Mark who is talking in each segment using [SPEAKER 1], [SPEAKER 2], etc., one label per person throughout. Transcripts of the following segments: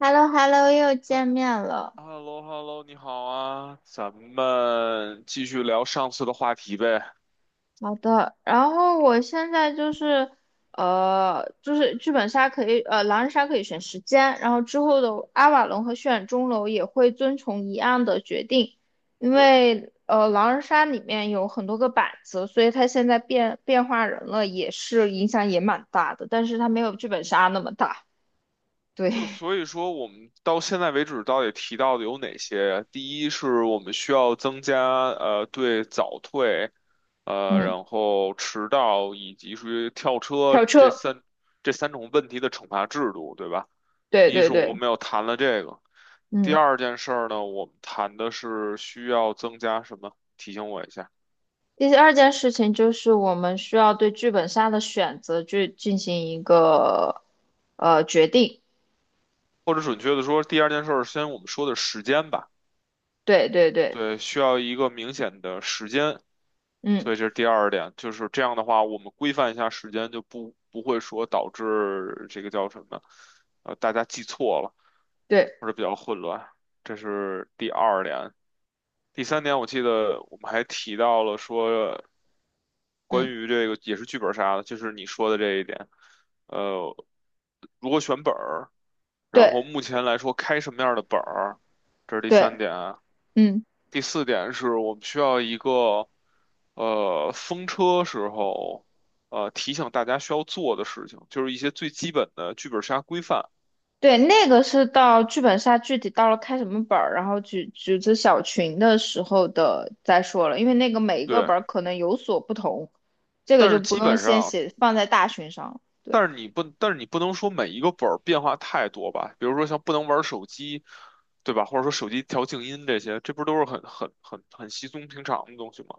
[SPEAKER 1] h e l l o h e l l o 又
[SPEAKER 2] 哈
[SPEAKER 1] 见面了。
[SPEAKER 2] h e l l 你好啊，咱们继续聊上次的话题呗。
[SPEAKER 1] 好的，然后我现在就是，就是剧本杀可以，狼人杀可以选时间，然后之后的阿瓦隆和血染钟楼也会遵从一样的决定，因
[SPEAKER 2] 对，
[SPEAKER 1] 为狼人杀里面有很多个板子，所以它现在变化人了，也是影响也蛮大的，但是它没有剧本杀那么大。对，
[SPEAKER 2] 就所以说，我们到现在为止到底提到的有哪些？第一是我们需要增加对早退，
[SPEAKER 1] 嗯，
[SPEAKER 2] 然后迟到以及属于跳车
[SPEAKER 1] 跳
[SPEAKER 2] 这
[SPEAKER 1] 车，
[SPEAKER 2] 三这三种问题的惩罚制度，对吧？
[SPEAKER 1] 对
[SPEAKER 2] 第一
[SPEAKER 1] 对
[SPEAKER 2] 是
[SPEAKER 1] 对，
[SPEAKER 2] 我们有谈了这个，第
[SPEAKER 1] 嗯。
[SPEAKER 2] 二件事儿呢，我们谈的是需要增加什么？提醒我一下。
[SPEAKER 1] 第二件事情就是我们需要对剧本杀的选择去进行一个决定。
[SPEAKER 2] 或者准确的说，第二件事儿，先我们说的时间吧。
[SPEAKER 1] 对对对，
[SPEAKER 2] 对，需要一个明显的时间，
[SPEAKER 1] 嗯，
[SPEAKER 2] 所以这是第二点。就是这样的话，我们规范一下时间，就不会说导致这个叫什么，大家记错了
[SPEAKER 1] 对，
[SPEAKER 2] 或者比较混乱。这是第二点。第三点，我记得我们还提到了说，关
[SPEAKER 1] 嗯，
[SPEAKER 2] 于这个也是剧本杀的，就是你说的这一点。呃，如果选本儿。然
[SPEAKER 1] 对
[SPEAKER 2] 后目前来说，开什么样的本儿，这是第三
[SPEAKER 1] 对，
[SPEAKER 2] 点。
[SPEAKER 1] 嗯，
[SPEAKER 2] 第四点是我们需要一个，风车时候，提醒大家需要做的事情，就是一些最基本的剧本杀规范。
[SPEAKER 1] 对，那个是到剧本杀具体到了开什么本儿，然后组织小群的时候的再说了，因为那个每一个
[SPEAKER 2] 对，
[SPEAKER 1] 本儿可能有所不同，这个
[SPEAKER 2] 但
[SPEAKER 1] 就
[SPEAKER 2] 是
[SPEAKER 1] 不
[SPEAKER 2] 基
[SPEAKER 1] 用
[SPEAKER 2] 本
[SPEAKER 1] 先
[SPEAKER 2] 上，
[SPEAKER 1] 写放在大群上了。对。
[SPEAKER 2] 但是你不能说每一个本儿变化太多吧？比如说像不能玩手机，对吧？或者说手机调静音这些，这不都是很稀松平常的东西吗？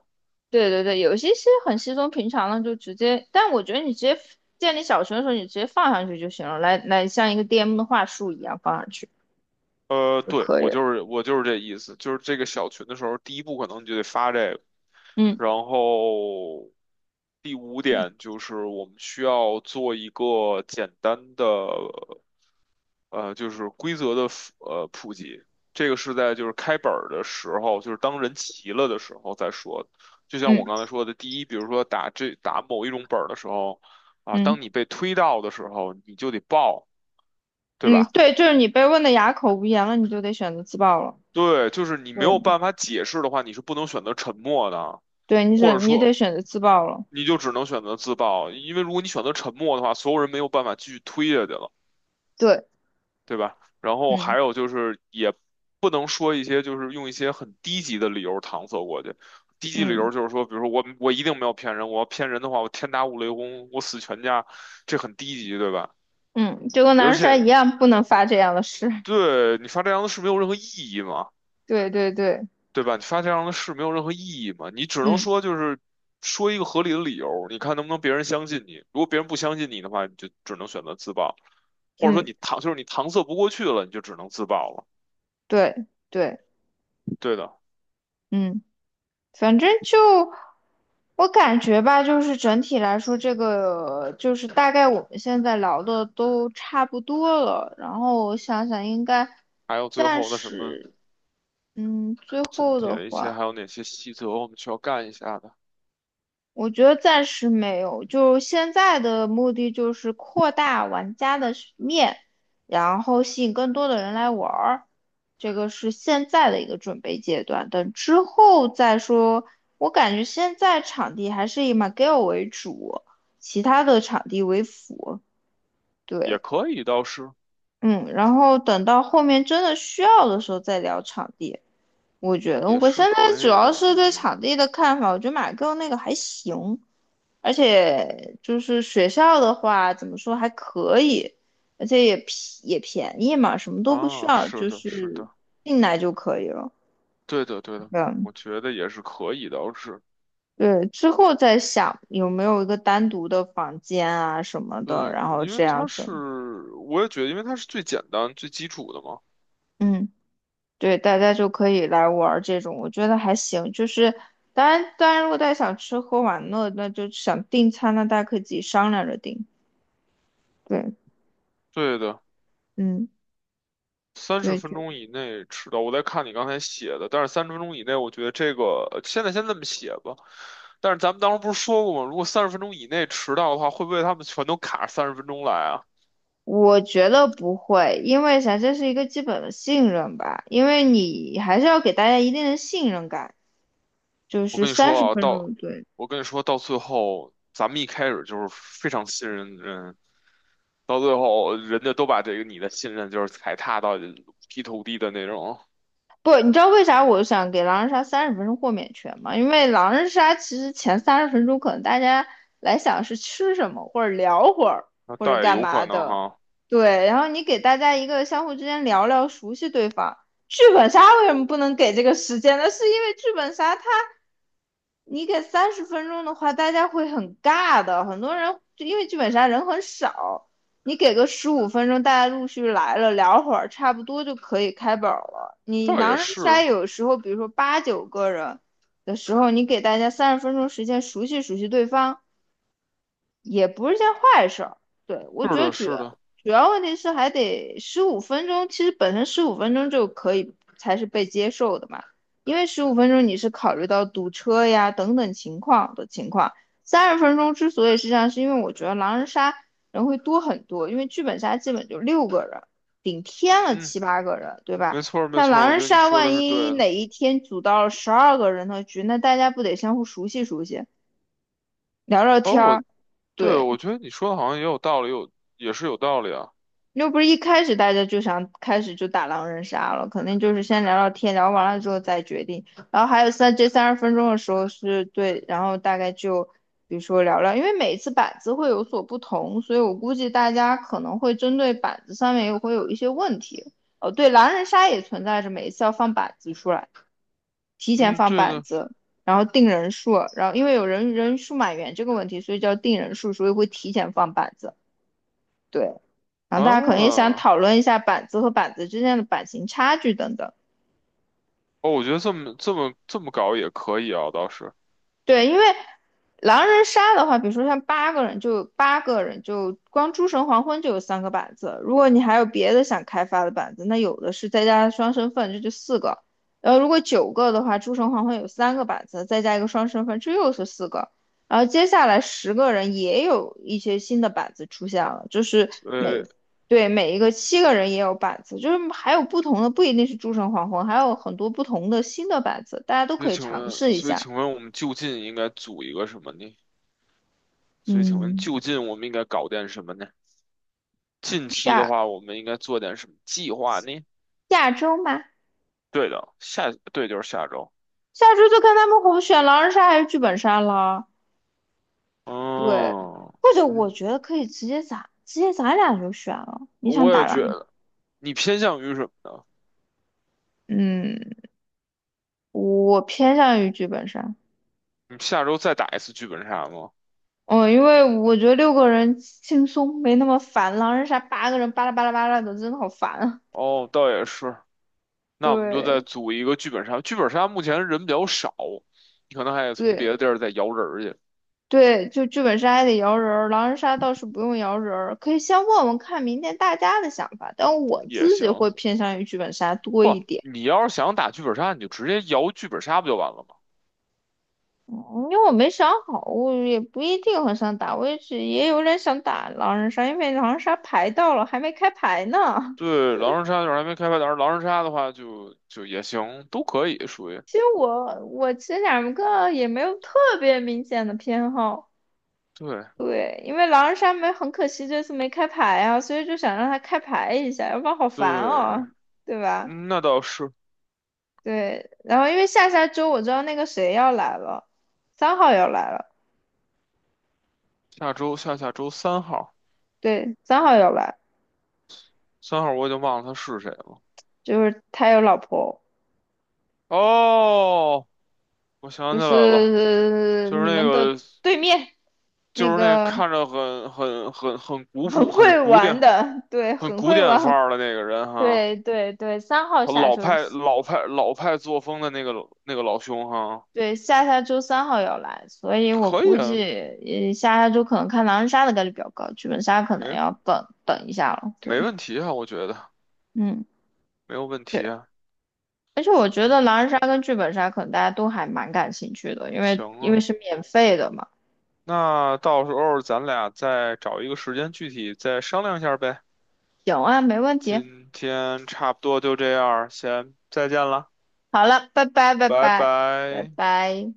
[SPEAKER 1] 对对对，有些是很稀松平常的，就直接。但我觉得你直接建立小程的时候，你直接放上去就行了，像一个 DM 的话术一样放上去就
[SPEAKER 2] 对，
[SPEAKER 1] 可以
[SPEAKER 2] 我
[SPEAKER 1] 了。
[SPEAKER 2] 就是我就是这意思，就是这个小群的时候，第一步可能你就得发这个，
[SPEAKER 1] 嗯
[SPEAKER 2] 然后第五点就是我们需要做一个简单的就是规则的普及，这个是在就是开本儿的时候，就是当人齐了的时候再说。就像我
[SPEAKER 1] 嗯
[SPEAKER 2] 刚才说的，第一，比如说打某一种本儿的时候，啊，
[SPEAKER 1] 嗯
[SPEAKER 2] 当你被推到的时候，你就得报，对
[SPEAKER 1] 嗯，
[SPEAKER 2] 吧？
[SPEAKER 1] 对，就是你被问的哑口无言了，你就得选择自爆了。
[SPEAKER 2] 对，就是你没有
[SPEAKER 1] 对
[SPEAKER 2] 办法解释的话，你是不能选择沉默的，
[SPEAKER 1] 对，
[SPEAKER 2] 或者
[SPEAKER 1] 你得
[SPEAKER 2] 说
[SPEAKER 1] 选择自爆了。
[SPEAKER 2] 你就只能选择自爆，因为如果你选择沉默的话，所有人没有办法继续推下去了，
[SPEAKER 1] 对，
[SPEAKER 2] 对吧？然后还
[SPEAKER 1] 嗯
[SPEAKER 2] 有就是也不能说一些就是用一些很低级的理由搪塞过去，低级理由
[SPEAKER 1] 嗯
[SPEAKER 2] 就是说，比如说我一定没有骗人，我要骗人的话，我天打五雷轰，我死全家，这很低级，对吧？
[SPEAKER 1] 嗯，就跟男
[SPEAKER 2] 而
[SPEAKER 1] 人帅
[SPEAKER 2] 且
[SPEAKER 1] 一样，不能发这样的誓。
[SPEAKER 2] 对你发这样的是没有任何意义嘛。
[SPEAKER 1] 对对对，
[SPEAKER 2] 对吧？你发这样的誓没有任何意义嘛，你只能
[SPEAKER 1] 嗯
[SPEAKER 2] 说就是说一个合理的理由，你看能不能别人相信你。如果别人不相信你的话，你就只能选择自爆，或者说
[SPEAKER 1] 嗯，
[SPEAKER 2] 你搪塞不过去了，你就只能自爆了。
[SPEAKER 1] 对对，
[SPEAKER 2] 对的，
[SPEAKER 1] 嗯。反正就我感觉吧，就是整体来说，这个就是大概我们现在聊的都差不多了。然后我想想，应该
[SPEAKER 2] 还有最
[SPEAKER 1] 暂
[SPEAKER 2] 后的什么
[SPEAKER 1] 时，嗯，最
[SPEAKER 2] 总
[SPEAKER 1] 后的
[SPEAKER 2] 结一些，
[SPEAKER 1] 话。
[SPEAKER 2] 还有哪些细则我们需要干一下的，
[SPEAKER 1] 我觉得暂时没有，就现在的目的就是扩大玩家的是面，然后吸引更多的人来玩儿，这个是现在的一个准备阶段。等之后再说，我感觉现在场地还是以 McGill 为主，其他的场地为辅。
[SPEAKER 2] 也
[SPEAKER 1] 对，
[SPEAKER 2] 可以，倒是
[SPEAKER 1] 嗯，然后等到后面真的需要的时候再聊场地。我觉得
[SPEAKER 2] 也
[SPEAKER 1] 我
[SPEAKER 2] 是
[SPEAKER 1] 现在
[SPEAKER 2] 可
[SPEAKER 1] 主
[SPEAKER 2] 以
[SPEAKER 1] 要
[SPEAKER 2] 的，我
[SPEAKER 1] 是对
[SPEAKER 2] 认为
[SPEAKER 1] 场地的看法，我觉得 McGill 那个还行。而且就是学校的话，怎么说还可以，而且也便宜嘛，什么都不需
[SPEAKER 2] 啊，
[SPEAKER 1] 要，
[SPEAKER 2] 是
[SPEAKER 1] 就
[SPEAKER 2] 的，是
[SPEAKER 1] 是
[SPEAKER 2] 的，
[SPEAKER 1] 进来就可以了。
[SPEAKER 2] 对的，对的，
[SPEAKER 1] 嗯，
[SPEAKER 2] 我觉得也是可以的，倒是。
[SPEAKER 1] 对，之后再想有没有一个单独的房间啊什么的，
[SPEAKER 2] 对，
[SPEAKER 1] 然后
[SPEAKER 2] 因为
[SPEAKER 1] 这样
[SPEAKER 2] 它
[SPEAKER 1] 子，
[SPEAKER 2] 是，我也觉得，因为它是最简单、最基础的嘛。
[SPEAKER 1] 嗯，对，大家就可以来玩儿这种，我觉得还行。就是当然，当然，如果大家想吃喝玩乐，那就想订餐，那大家可以自己商量着订。对，
[SPEAKER 2] 对的，
[SPEAKER 1] 嗯，
[SPEAKER 2] 三十
[SPEAKER 1] 对。
[SPEAKER 2] 分
[SPEAKER 1] 就
[SPEAKER 2] 钟以内迟到。我在看你刚才写的，但是三十分钟以内，我觉得这个现在先这么写吧。但是咱们当时不是说过吗？如果三十分钟以内迟到的话，会不会他们全都卡三十分钟来啊？
[SPEAKER 1] 我觉得不会，因为啥，这是一个基本的信任吧，因为你还是要给大家一定的信任感，就
[SPEAKER 2] 我
[SPEAKER 1] 是
[SPEAKER 2] 跟你
[SPEAKER 1] 三十
[SPEAKER 2] 说啊，
[SPEAKER 1] 分
[SPEAKER 2] 到
[SPEAKER 1] 钟，对，
[SPEAKER 2] 我跟你说到最后，咱们一开始就是非常信任人，到最后人家都把这个你的信任就是踩踏到劈头地的那种，
[SPEAKER 1] 不，你知道为啥我想给狼人杀三十分钟豁免权吗？因为狼人杀其实前三十分钟可能大家来想是吃什么，或者聊会儿，
[SPEAKER 2] 那
[SPEAKER 1] 或者
[SPEAKER 2] 倒也
[SPEAKER 1] 干
[SPEAKER 2] 有可
[SPEAKER 1] 嘛
[SPEAKER 2] 能
[SPEAKER 1] 的，
[SPEAKER 2] 哈，
[SPEAKER 1] 对，然后你给大家一个相互之间聊聊，熟悉对方。剧本杀为什么不能给这个时间呢？是因为剧本杀它你给三十分钟的话，大家会很尬的，很多人就因为剧本杀人很少，你给个十五分钟，大家陆续来了，聊会儿，差不多就可以开本了。你
[SPEAKER 2] 倒
[SPEAKER 1] 狼
[SPEAKER 2] 也
[SPEAKER 1] 人杀
[SPEAKER 2] 是，
[SPEAKER 1] 有时候，比如说八九个人的时候，你给大家三十分钟时间熟悉熟悉对方，也不是件坏事儿。对，我
[SPEAKER 2] 是
[SPEAKER 1] 觉得
[SPEAKER 2] 的，是的，
[SPEAKER 1] 主要问题是还得十五分钟，其实本身十五分钟就可以才是被接受的嘛，因为十五分钟你是考虑到堵车呀等等情况的情况。三十分钟之所以是这样，是因为我觉得狼人杀人会多很多，因为剧本杀基本就六个人，顶天了
[SPEAKER 2] 嗯，
[SPEAKER 1] 七八个人，对吧？
[SPEAKER 2] 没错儿，没
[SPEAKER 1] 那
[SPEAKER 2] 错儿，
[SPEAKER 1] 狼
[SPEAKER 2] 我觉
[SPEAKER 1] 人
[SPEAKER 2] 得你
[SPEAKER 1] 杀
[SPEAKER 2] 说的
[SPEAKER 1] 万
[SPEAKER 2] 是对
[SPEAKER 1] 一
[SPEAKER 2] 的。
[SPEAKER 1] 哪一天组到了十二个人的局，那大家不得相互熟悉熟悉，聊聊
[SPEAKER 2] 哦，
[SPEAKER 1] 天儿？
[SPEAKER 2] 我对，
[SPEAKER 1] 对，
[SPEAKER 2] 我觉得你说的好像也有道理，也是有道理啊。
[SPEAKER 1] 又不是一开始大家就想开始就打狼人杀了，肯定就是先聊聊天，聊完了之后再决定。然后还有这三十分钟的时候是对，然后大概就比如说聊聊，因为每次板子会有所不同，所以我估计大家可能会针对板子上面又会有一些问题。哦，对，狼人杀也存在着每一次要放板子出来，提前
[SPEAKER 2] 嗯，
[SPEAKER 1] 放
[SPEAKER 2] 对
[SPEAKER 1] 板
[SPEAKER 2] 的
[SPEAKER 1] 子，然后定人数，然后因为人数满员这个问题，所以叫定人数，所以会提前放板子。对，然后大家可能也
[SPEAKER 2] 啊。
[SPEAKER 1] 想讨论一下板子和板子之间的版型差距等等。
[SPEAKER 2] 哦，我觉得这么搞也可以啊，倒是。
[SPEAKER 1] 对，因为狼人杀的话，比如说像八个人就，八个人就光诸神黄昏就有三个板子。如果你还有别的想开发的板子，那有的是，再加上双身份，这就四个。然后如果九个的话，诸神黄昏有三个板子，再加一个双身份，这又是四个。然后接下来十个人也有一些新的板子出现了，就是
[SPEAKER 2] 呃，
[SPEAKER 1] 每对每一个七个人也有板子，就是还有不同的，不一定是诸神黄昏，还有很多不同的新的板子，大家都
[SPEAKER 2] 那
[SPEAKER 1] 可以
[SPEAKER 2] 请
[SPEAKER 1] 尝
[SPEAKER 2] 问，
[SPEAKER 1] 试一
[SPEAKER 2] 所以
[SPEAKER 1] 下。
[SPEAKER 2] 请问我们就近应该组一个什么呢？所以请问
[SPEAKER 1] 嗯。
[SPEAKER 2] 就近我们应该搞点什么呢？近期的
[SPEAKER 1] 下
[SPEAKER 2] 话，我们应该做点什么计划呢？
[SPEAKER 1] 下周吧，
[SPEAKER 2] 对的，对，就是下周。
[SPEAKER 1] 下周就看他们红选狼人杀还是剧本杀了。对，
[SPEAKER 2] 嗯，
[SPEAKER 1] 或者我
[SPEAKER 2] 嗯，
[SPEAKER 1] 觉得可以直接咱俩就选了。你想
[SPEAKER 2] 我
[SPEAKER 1] 打
[SPEAKER 2] 也觉
[SPEAKER 1] 狼人，
[SPEAKER 2] 得。你偏向于什么呢？
[SPEAKER 1] 嗯，我偏向于剧本杀。
[SPEAKER 2] 你下周再打一次剧本杀吗？
[SPEAKER 1] 嗯，因为我觉得六个人轻松，没那么烦。狼人杀八个人巴拉巴拉巴拉的，真的好烦啊。
[SPEAKER 2] 哦，倒也是。那我们就
[SPEAKER 1] 对
[SPEAKER 2] 再组一个剧本杀。剧本杀目前人比较少，你可能还得从别
[SPEAKER 1] 对
[SPEAKER 2] 的地儿再摇人儿去
[SPEAKER 1] 对，就剧本杀还得摇人儿，狼人杀倒是不用摇人儿，可以先问问看明天大家的想法。但我
[SPEAKER 2] 也
[SPEAKER 1] 自己
[SPEAKER 2] 行。
[SPEAKER 1] 会偏向于剧本杀多
[SPEAKER 2] 不，
[SPEAKER 1] 一点。
[SPEAKER 2] 你要是想打剧本杀，你就直接摇剧本杀不就完了吗？
[SPEAKER 1] 嗯，因为我没想好，我也不一定很想打，我也只也有点想打狼人杀，因为狼人杀牌到了还没开牌呢。
[SPEAKER 2] 对，狼人杀就是还没开发，但是狼人杀的话就也行，都可以属于。
[SPEAKER 1] 其实我其实两个也没有特别明显的偏好，
[SPEAKER 2] 对
[SPEAKER 1] 对，因为狼人杀没，很可惜这次没开牌啊，所以就想让他开牌一下，要不然好烦
[SPEAKER 2] 对，
[SPEAKER 1] 哦，对吧？
[SPEAKER 2] 嗯那倒是。
[SPEAKER 1] 对，然后因为下下周我知道那个谁要来了，三号要来了，
[SPEAKER 2] 下周下下周三号，
[SPEAKER 1] 对，三号要来，
[SPEAKER 2] 三号我已经忘了他是谁了。
[SPEAKER 1] 就是他有老婆。
[SPEAKER 2] 哦，我想
[SPEAKER 1] 就
[SPEAKER 2] 起来了，
[SPEAKER 1] 是
[SPEAKER 2] 就是
[SPEAKER 1] 你
[SPEAKER 2] 那
[SPEAKER 1] 们的
[SPEAKER 2] 个，
[SPEAKER 1] 对面
[SPEAKER 2] 就
[SPEAKER 1] 那
[SPEAKER 2] 是那
[SPEAKER 1] 个
[SPEAKER 2] 看着很古
[SPEAKER 1] 很
[SPEAKER 2] 朴、很
[SPEAKER 1] 会
[SPEAKER 2] 古
[SPEAKER 1] 玩
[SPEAKER 2] 典、
[SPEAKER 1] 的，对，
[SPEAKER 2] 很
[SPEAKER 1] 很
[SPEAKER 2] 古
[SPEAKER 1] 会
[SPEAKER 2] 典范
[SPEAKER 1] 玩，
[SPEAKER 2] 儿的那个人 哈，
[SPEAKER 1] 对对对，三号下
[SPEAKER 2] 老
[SPEAKER 1] 周，
[SPEAKER 2] 派老派老派作风的那个老兄哈，
[SPEAKER 1] 对，下下周三号要来，所以我
[SPEAKER 2] 可以
[SPEAKER 1] 估计
[SPEAKER 2] 啊，
[SPEAKER 1] 下下周可能看狼人杀的概率比较高，剧本杀可能
[SPEAKER 2] 没
[SPEAKER 1] 要等等一下了，
[SPEAKER 2] 没
[SPEAKER 1] 对，
[SPEAKER 2] 问题啊，我觉得
[SPEAKER 1] 嗯。
[SPEAKER 2] 没有问
[SPEAKER 1] 对，
[SPEAKER 2] 题啊，
[SPEAKER 1] 而且我觉得狼人杀跟剧本杀可能大家都还蛮感兴趣的，
[SPEAKER 2] 行
[SPEAKER 1] 因为
[SPEAKER 2] 啊，
[SPEAKER 1] 是免费的嘛。
[SPEAKER 2] 那到时候咱俩再找一个时间具体再商量一下呗。
[SPEAKER 1] 行啊，没问题。
[SPEAKER 2] 今天差不多就这样，先再见了，
[SPEAKER 1] 好了，拜拜，拜
[SPEAKER 2] 拜
[SPEAKER 1] 拜，拜
[SPEAKER 2] 拜。
[SPEAKER 1] 拜。